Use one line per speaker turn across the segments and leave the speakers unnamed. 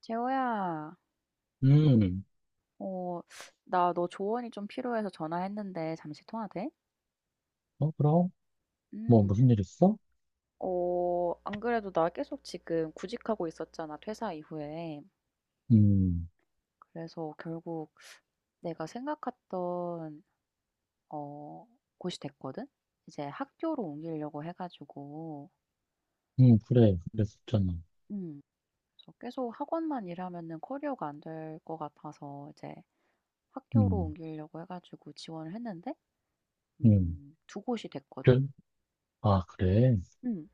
재호야,
음,
어, 나 너 조언이 좀 필요해서 전화했는데 잠시 통화 돼?
어, 그럼? 뭐,
음,
무슨 일 있어?
안 그래도 나 계속 지금 구직하고 있었잖아, 퇴사 이후에.
음,
그래서 결국 내가 생각했던, 어, 곳이 됐거든? 이제 학교로 옮기려고 해가지고,
그래, 그랬었잖아.
음, 그래서 계속 학원만 일하면은 커리어가 안 될 것 같아서 이제 학교로
음,
옮기려고 해가지고 지원을 했는데,
음,
두 곳이 됐거든?
그래? 아, 그래?
음,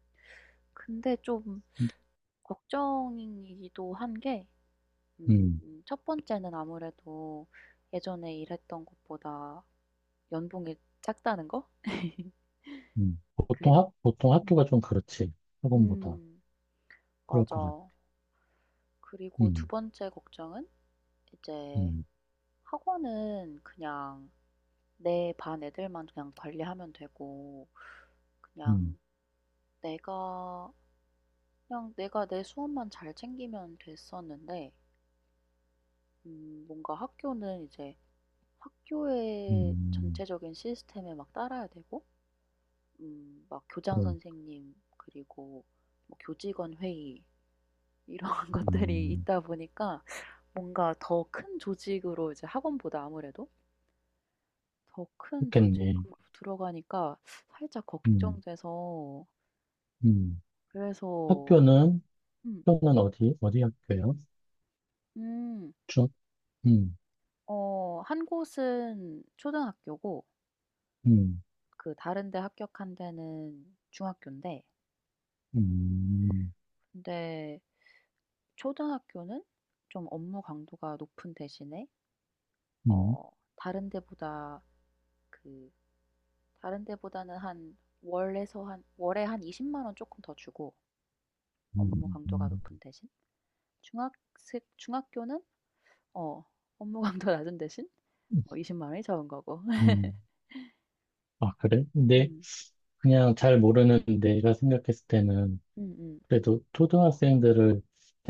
근데 좀 걱정이기도 한 게, 음
음,
첫 번째는 아무래도 예전에 일했던 것보다 연봉이 작다는 거? 그래.
보통
음.
학교가 좀 그렇지. 학원보다.
음
그럴 것 같아.
맞아. 그리고 두
음,
번째 걱정은 이제
음,
학원은 그냥 내 반 애들만 그냥 관리하면 되고
음,
그냥 내가 그냥 내가 내 수업만 잘 챙기면 됐었는데 뭔가 학교는 이제 학교의
음,
전체적인 시스템에 막 따라야 되고 막 교장
그럼,
선생님 그리고 뭐 교직원 회의 이런 것들이
음,
있다 보니까 뭔가 더 큰 조직으로 이제 학원보다 아무래도 더 큰
그렇겠네.
조직으로 들어가니까 살짝
음,
걱정돼서
음.
그래서.
학교는,
음.
학교는 어디 학교요.
음.
중, 음,
한 곳은 초등학교고
음,
그 다른 데 합격한 데는 중학교인데,
음,
근데 초등학교는 좀 업무 강도가 높은 대신에
음,
어 다른 데보다, 그 다른 데보다는 한 월에 한 20만 원 조금 더 주고 업무 강도가
음,
높은 대신 중학생 중학교는 어 업무 강도 낮은 대신
음,
20만 원이 적은 거고.
음. 아, 그래? 근데
음.
그냥 잘 모르는 내가 생각했을 때는
음음.
그래도 초등학생들을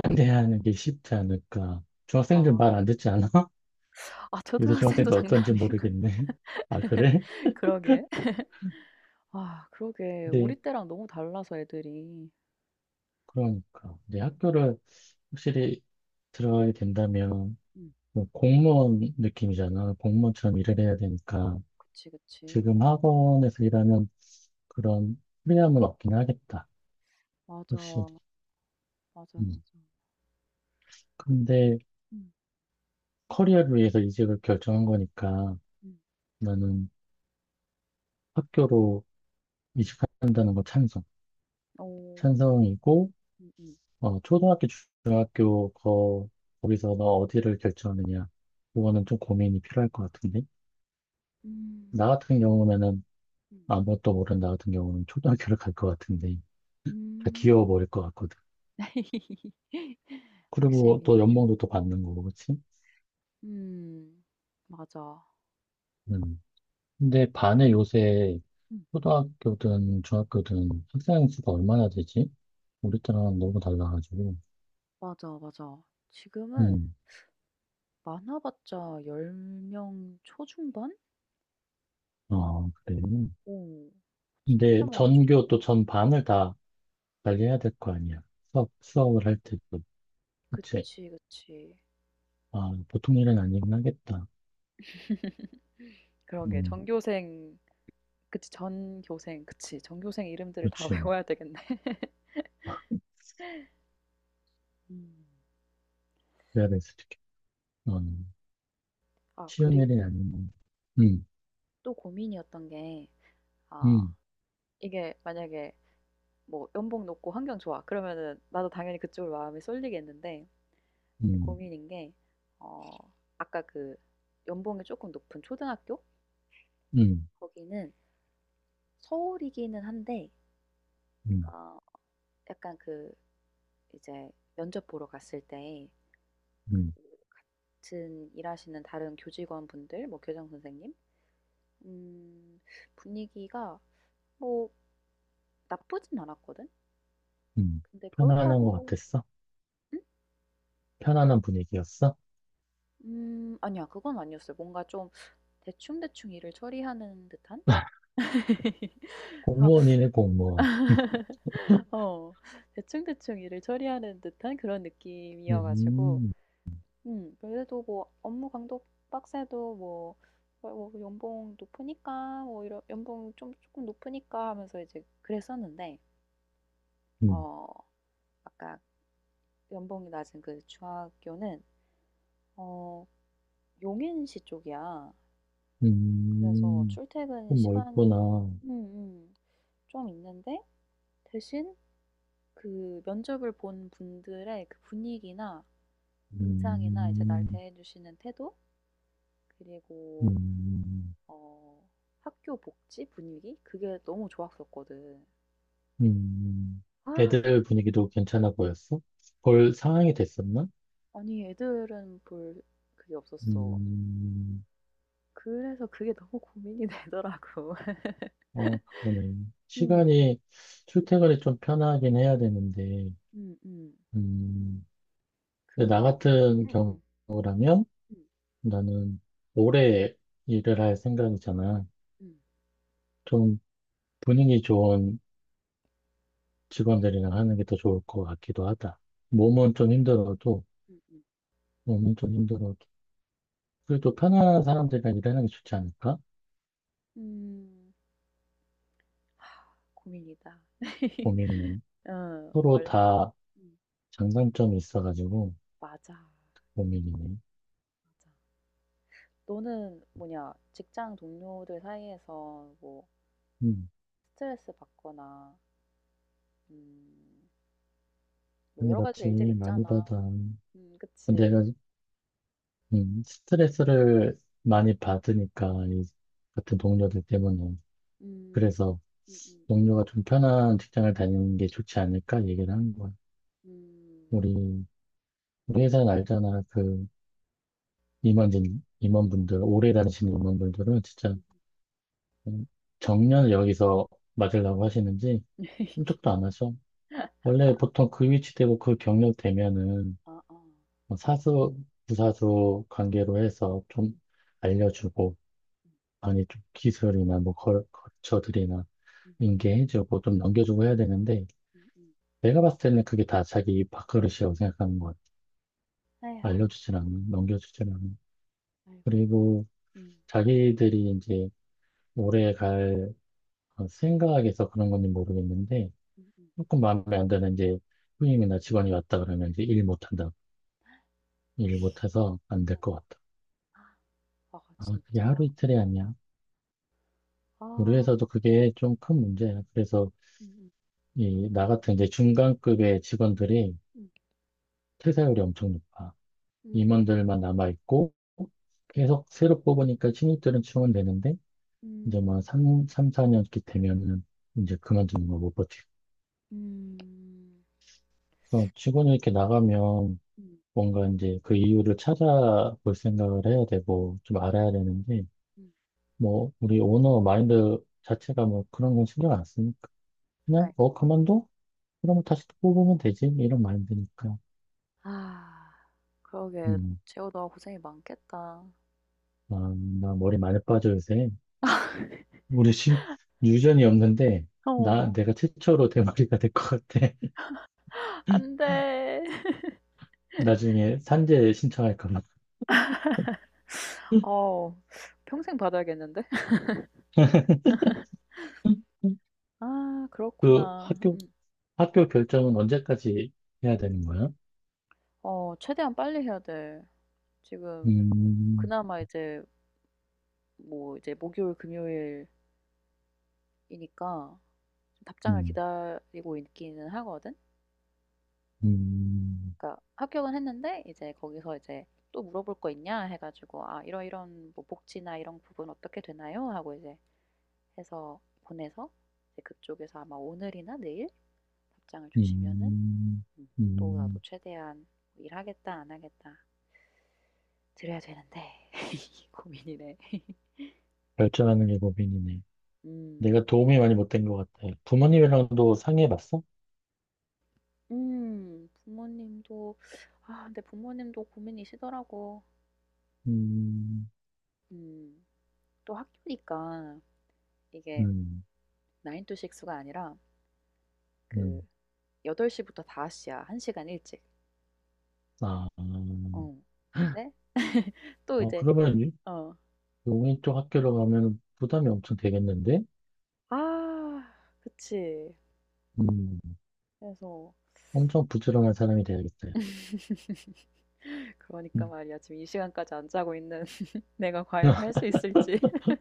상대하는 게 쉽지 않을까. 중학생들
아.
말 안 듣지 않아? 요새
초등학생도
중학생들
장난
어떤지
아니고.
모르겠네. 아, 그래?
그러게. 그러게.
근데
우리 때랑 너무 달라서 애들이.
그러니까. 이제 학교를 확실히 들어가게 된다면
음.
뭐 공무원 느낌이잖아. 공무원처럼 일을 해야 되니까.
그치, 그치.
지금 학원에서 일하면 그런 프리함은 없긴 하겠다.
맞아.
확실히.
맞아,
음.
맞아.
근데
음.
커리어를 위해서 이직을 결정한 거니까
음.
나는 학교로 이직한다는 거 찬성.
오.
찬성이고,
음 음.
어, 초등학교, 중학교, 거, 거기서 너 어디를 결정하느냐. 그거는
음.
좀 고민이 필요할 것 같은데.
음.
나 같은 경우면은
음. 음.
아무것도 모르는 나 같은 경우는 초등학교를 갈 것 같은데. 다
음.
귀여워 보일 것 같거든.
확실히.
그리고 또
예.
연봉도 또 받는 거고, 그치?
음. 맞아.
음. 근데 반에 요새
음.
초등학교든 중학교든 학생 수가 얼마나 되지? 우리 때랑 너무 달라가지고.
맞아, 맞아. 지금은
음,
많아 봤자 10명 초중반?
어, 그래.
오. 진짜
근데
많이 줄.
전교 또 전반을 다 관리해야 될 거 아니야. 수업을 할 때도. 그치?
그치, 그치.
아, 보통 일은 아니긴 하겠다.
그러게,
음,
전교생. 그치, 전교생. 그치, 전교생 이름들을 다
그렇지.
외워야 되겠네. 음.
그래야 될 수도 있겠 어, 쉬운
그리고
일이 아니면. 음,
또 고민이었던 게, 아
음,
이게 만약에 뭐 연봉 높고 환경 좋아 그러면은 나도 당연히 그쪽으로 마음이 쏠리겠는데,
음,
고민인 게, 어 아까 그 연봉이 조금 높은 초등학교?
음,
거기는 서울이기는 한데,
음,
어 약간 그 이제 면접 보러 갔을 때 그
음,
같은 일하시는 다른 교직원분들, 뭐 교장 선생님, 음 분위기가 뭐 나쁘진 않았거든?
음.
근데
편안한 것
그렇다고.
같았어?
응?
편안한 분위기였어?
아니야. 그건 아니었어요. 뭔가 좀 대충대충 일을 처리하는 듯한? 어,
공무원이네, 공무원.
어. 대충대충 일을 처리하는 듯한 그런 느낌이어 가지고,
음,
그래도 뭐 업무 강도 빡세도 뭐 뭐 "연봉 높으니까 뭐 이런 연봉 좀 쪼끔 높으니까." 하면서 이제 그랬었는데,
음,
어 아까 연봉이 낮은 그 중학교는 어 용인시 쪽이야. 그래서
음,
출퇴근
좀 멀구나.
시간이 음음 좀 있는데, 대신 그 면접을 본 분들의 그 분위기나 인상이나 이제 날
음,
대해주시는 태도, 그리고
음.
어, 학교 복지 분위기 그게 너무 좋았었거든.
음,
아, 그-
애들 분위기도 괜찮아 보였어? 볼 상황이 됐었나?
아니, 애들은 볼 그게 없었어.
음,
그래서 그게 너무 고민이 되더라고.
어, 그러네.
음,
시간이, 출퇴근이 좀 편하긴 해야 되는데,
음, 음.
음,
그
근데 나
막,
같은
음, 음,
경우라면
음,
나는 오래 일을 할 생각이잖아.
음,
좀 분위기 좋은 직원들이랑 하는 게 더 좋을 것 같기도 하다. 몸은 좀 힘들어도,
음, 음.
몸은 좀 힘들어도, 그래도 편안한 사람들이랑 일하는 게 좋지 않을까?
음, 고민이다.
고민이네.
어,
서로
뭘?
다
음,
장단점이 있어가지고
맞아,
고민이네.
맞아. 너는 뭐냐, 직장 동료들 사이에서 뭐
음,
스트레스 받거나 음 뭐
아니,
여러 가지
맞지.
일들이
많이
있잖아.
받아.
그치.
내가 스트레스를 많이 받으니까 이 같은 동료들 때문에
음.
그래서
음음.
동료가 좀 편한 직장을 다니는 게 좋지 않을까 얘기를 하는 거야.
음.
우리 우리 회사는 알잖아. 그 임원진 임원분들 오래 다니시는 임원분들은 진짜
음음.
음, 정년을 여기서 맞으려고 하시는지 꿈쩍도 안 하셔. 원래 보통 그 위치 되고 그 경력 되면은
아, 아.
사수, 부사수 관계로 해서 좀
음
알려주고,
음.
아니, 좀 기술이나 뭐 거처들이나
음
인계해주고 좀 넘겨주고 해야 되는데,
음음.
내가 봤을 때는 그게 다 자기 밥그릇이라고 생각하는 것 같아.
에휴.
알려주진 않아, 넘겨주진 않아.
아이고.
그리고
음.
자기들이 이제 오래 갈 어, 생각에서 그런 건지 모르겠는데,
음 음.
조금 마음에 안 드는 이제 후임이나 직원이 왔다 그러면 이제 일 못한다. 일 못해서 안 될 것 같다.
아..
아, 그게 하루
진짜?
이틀이 아니야. 우리
아.
회사도 그게 좀 큰 문제야. 그래서
음음.
이 나 같은 이제 중간급의 직원들이
음.
퇴사율이 엄청 높아.
음
임원들만 남아있고 계속 새로 뽑으니까 신입들은 지원되는데 이제
음.
뭐 3, 삼 4년 이렇게 되면은 이제 그만두는 거 못 버티고
음.
어, 직원이 이렇게 나가면
음.
뭔가 이제 그 이유를 찾아볼 생각을 해야 되고 좀 알아야 되는데
음.
뭐 우리 오너 마인드 자체가 뭐 그런 건 신경 안 쓰니까 그냥 어
아이고.
그만둬? 그러면 다시 또 뽑으면 되지. 이런 마인드니까.
아. 그러게,
음,
재호 너가 고생이 많겠다.
아, 나 머리 많이 빠져 요새. 우리 신, 유전이 없는데, 나,
어.
내가 최초로 대머리가 될 것 같아.
안 돼.
나중에 산재 신청할까 봐.
어. 평생 받아야겠는데? 아,
그
그렇구나. 음.
학교, 학교 결정은 언제까지 해야 되는 거야?
최대한 빨리 해야 돼. 지금
음,
그나마 이제 뭐 이제 목요일, 금요일이니까 좀 답장을
음,
기다리고 있기는 하거든.
음,
그러니까 합격은 했는데 이제 거기서 이제 "또 물어볼 거 있냐?" 해 가지고, "아 이런 이런 뭐 복지나 이런 부분 어떻게 되나요?" 하고 이제 해서 보내서 이제 그쪽에서 아마 오늘이나 내일 답장을 주시면은,
음,
음 또 나도
음.
최대한 뭐 '일하겠다. 안 하겠다.' 드려야 되는데 고민이네.
결정하는 게 고민이네. 내가
음.
도움이 많이 못 된 것 같아. 부모님이랑도 상의해봤어?
음. 부모님도 아 근데 부모님도 고민이시더라고.
음,
음. 또 학교니까 이게
음,
9 to 6 가 아니라 그
음.
8 시부터 5 시야. 1 시간 일찍.
아,
어. 근데 또
어,
이제
그러면
어.
용인 쪽 학교로 가면 부담이 엄청 되겠는데?
아, 그치.
음,
그래서
엄청 부지런한 사람이 돼야겠어요.
그러니까
음,
말이야. 지금 이 시간까지 안 자고 있는 내가 과연 할 수 있을지.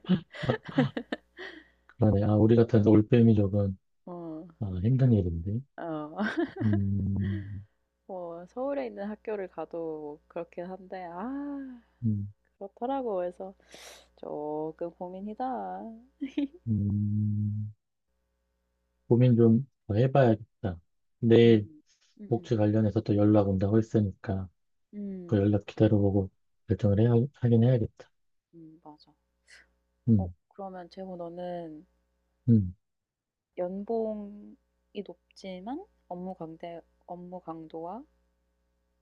그러네. 아, 우리 같은 올빼미족은
어.
아, 힘든 일인데.
어.
음,
뭐 서울에 있는 학교를 가도 그렇긴 한데,
음,
그렇더라고. 그래서 조금 고민이다. 음.
음, 고민 좀 더 해봐야겠다. 내일
음음. 음.
복지 관련해서 또 연락 온다고 했으니까 그
음
연락 기다려보고 결정을 해야, 하긴 해야겠다.
맞아.
음,
그러면 재호 너는
음,
연봉이 높지만 업무 강도와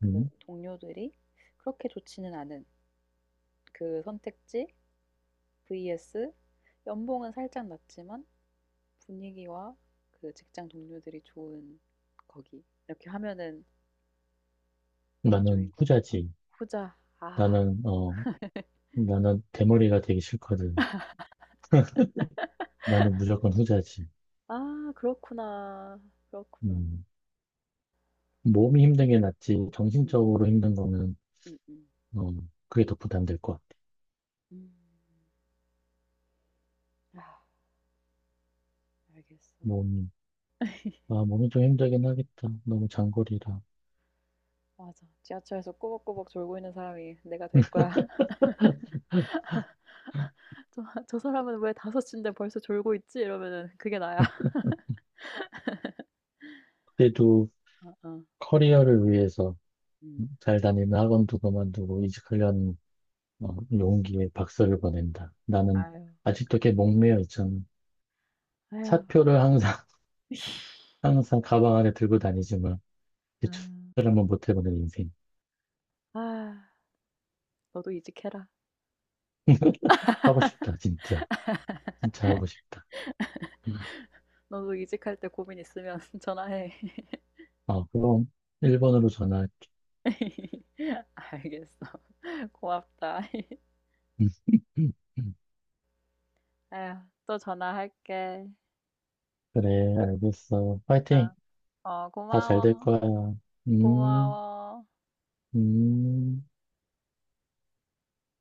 그
음.
동료들이 그렇게 좋지는 않은 그 선택지 vs 연봉은 살짝 낮지만 분위기와 그 직장 동료들이 좋은 거기, 이렇게 하면은 어느 쪽인
나는
거야? 어.
후자지.
후자. 아.
나는, 어, 나는 대머리가 되기 싫거든. 나는 무조건 후자지.
아, 그렇구나. 그렇구나.
음, 몸이 힘든 게 낫지,
음.
정신적으로 힘든 거는,
음음. 음.
어, 그게 더 부담될 것 같아.
음. 아, 알겠어.
몸이, 아, 몸이 좀 힘들긴 하겠다. 너무 장거리라.
맞아. 지하철에서 꾸벅꾸벅 졸고 있는 사람이 내가 될 거야. '저 저 사람은 왜섯 시인데 벌써 졸고 있지?' 이러면은 그게 나야.
그래도
어어.
커리어를 위해서
음.
잘 다니는 학원도 그만두고 이직하려는 어, 용기에 박수를 보낸다. 나는
아유.
아직도 꽤 목매어 있잖아.
아유.
사표를 항상, 항상 가방 안에 들고 다니지만, 대출을
음.
한번 못 해보는 인생.
아. 너도 이직해라.
하고 싶다, 진짜. 진짜 하고 싶다. 음.
너도 이직할 때 고민 있으면 전화해.
아, 그럼 1번으로 전화.
알겠어. 고맙다. 에휴, 또 전화할게.
그래, 알겠어. 파이팅.
어, 어,
다 잘 될
고마워.
거야. 음,
고마워.
음.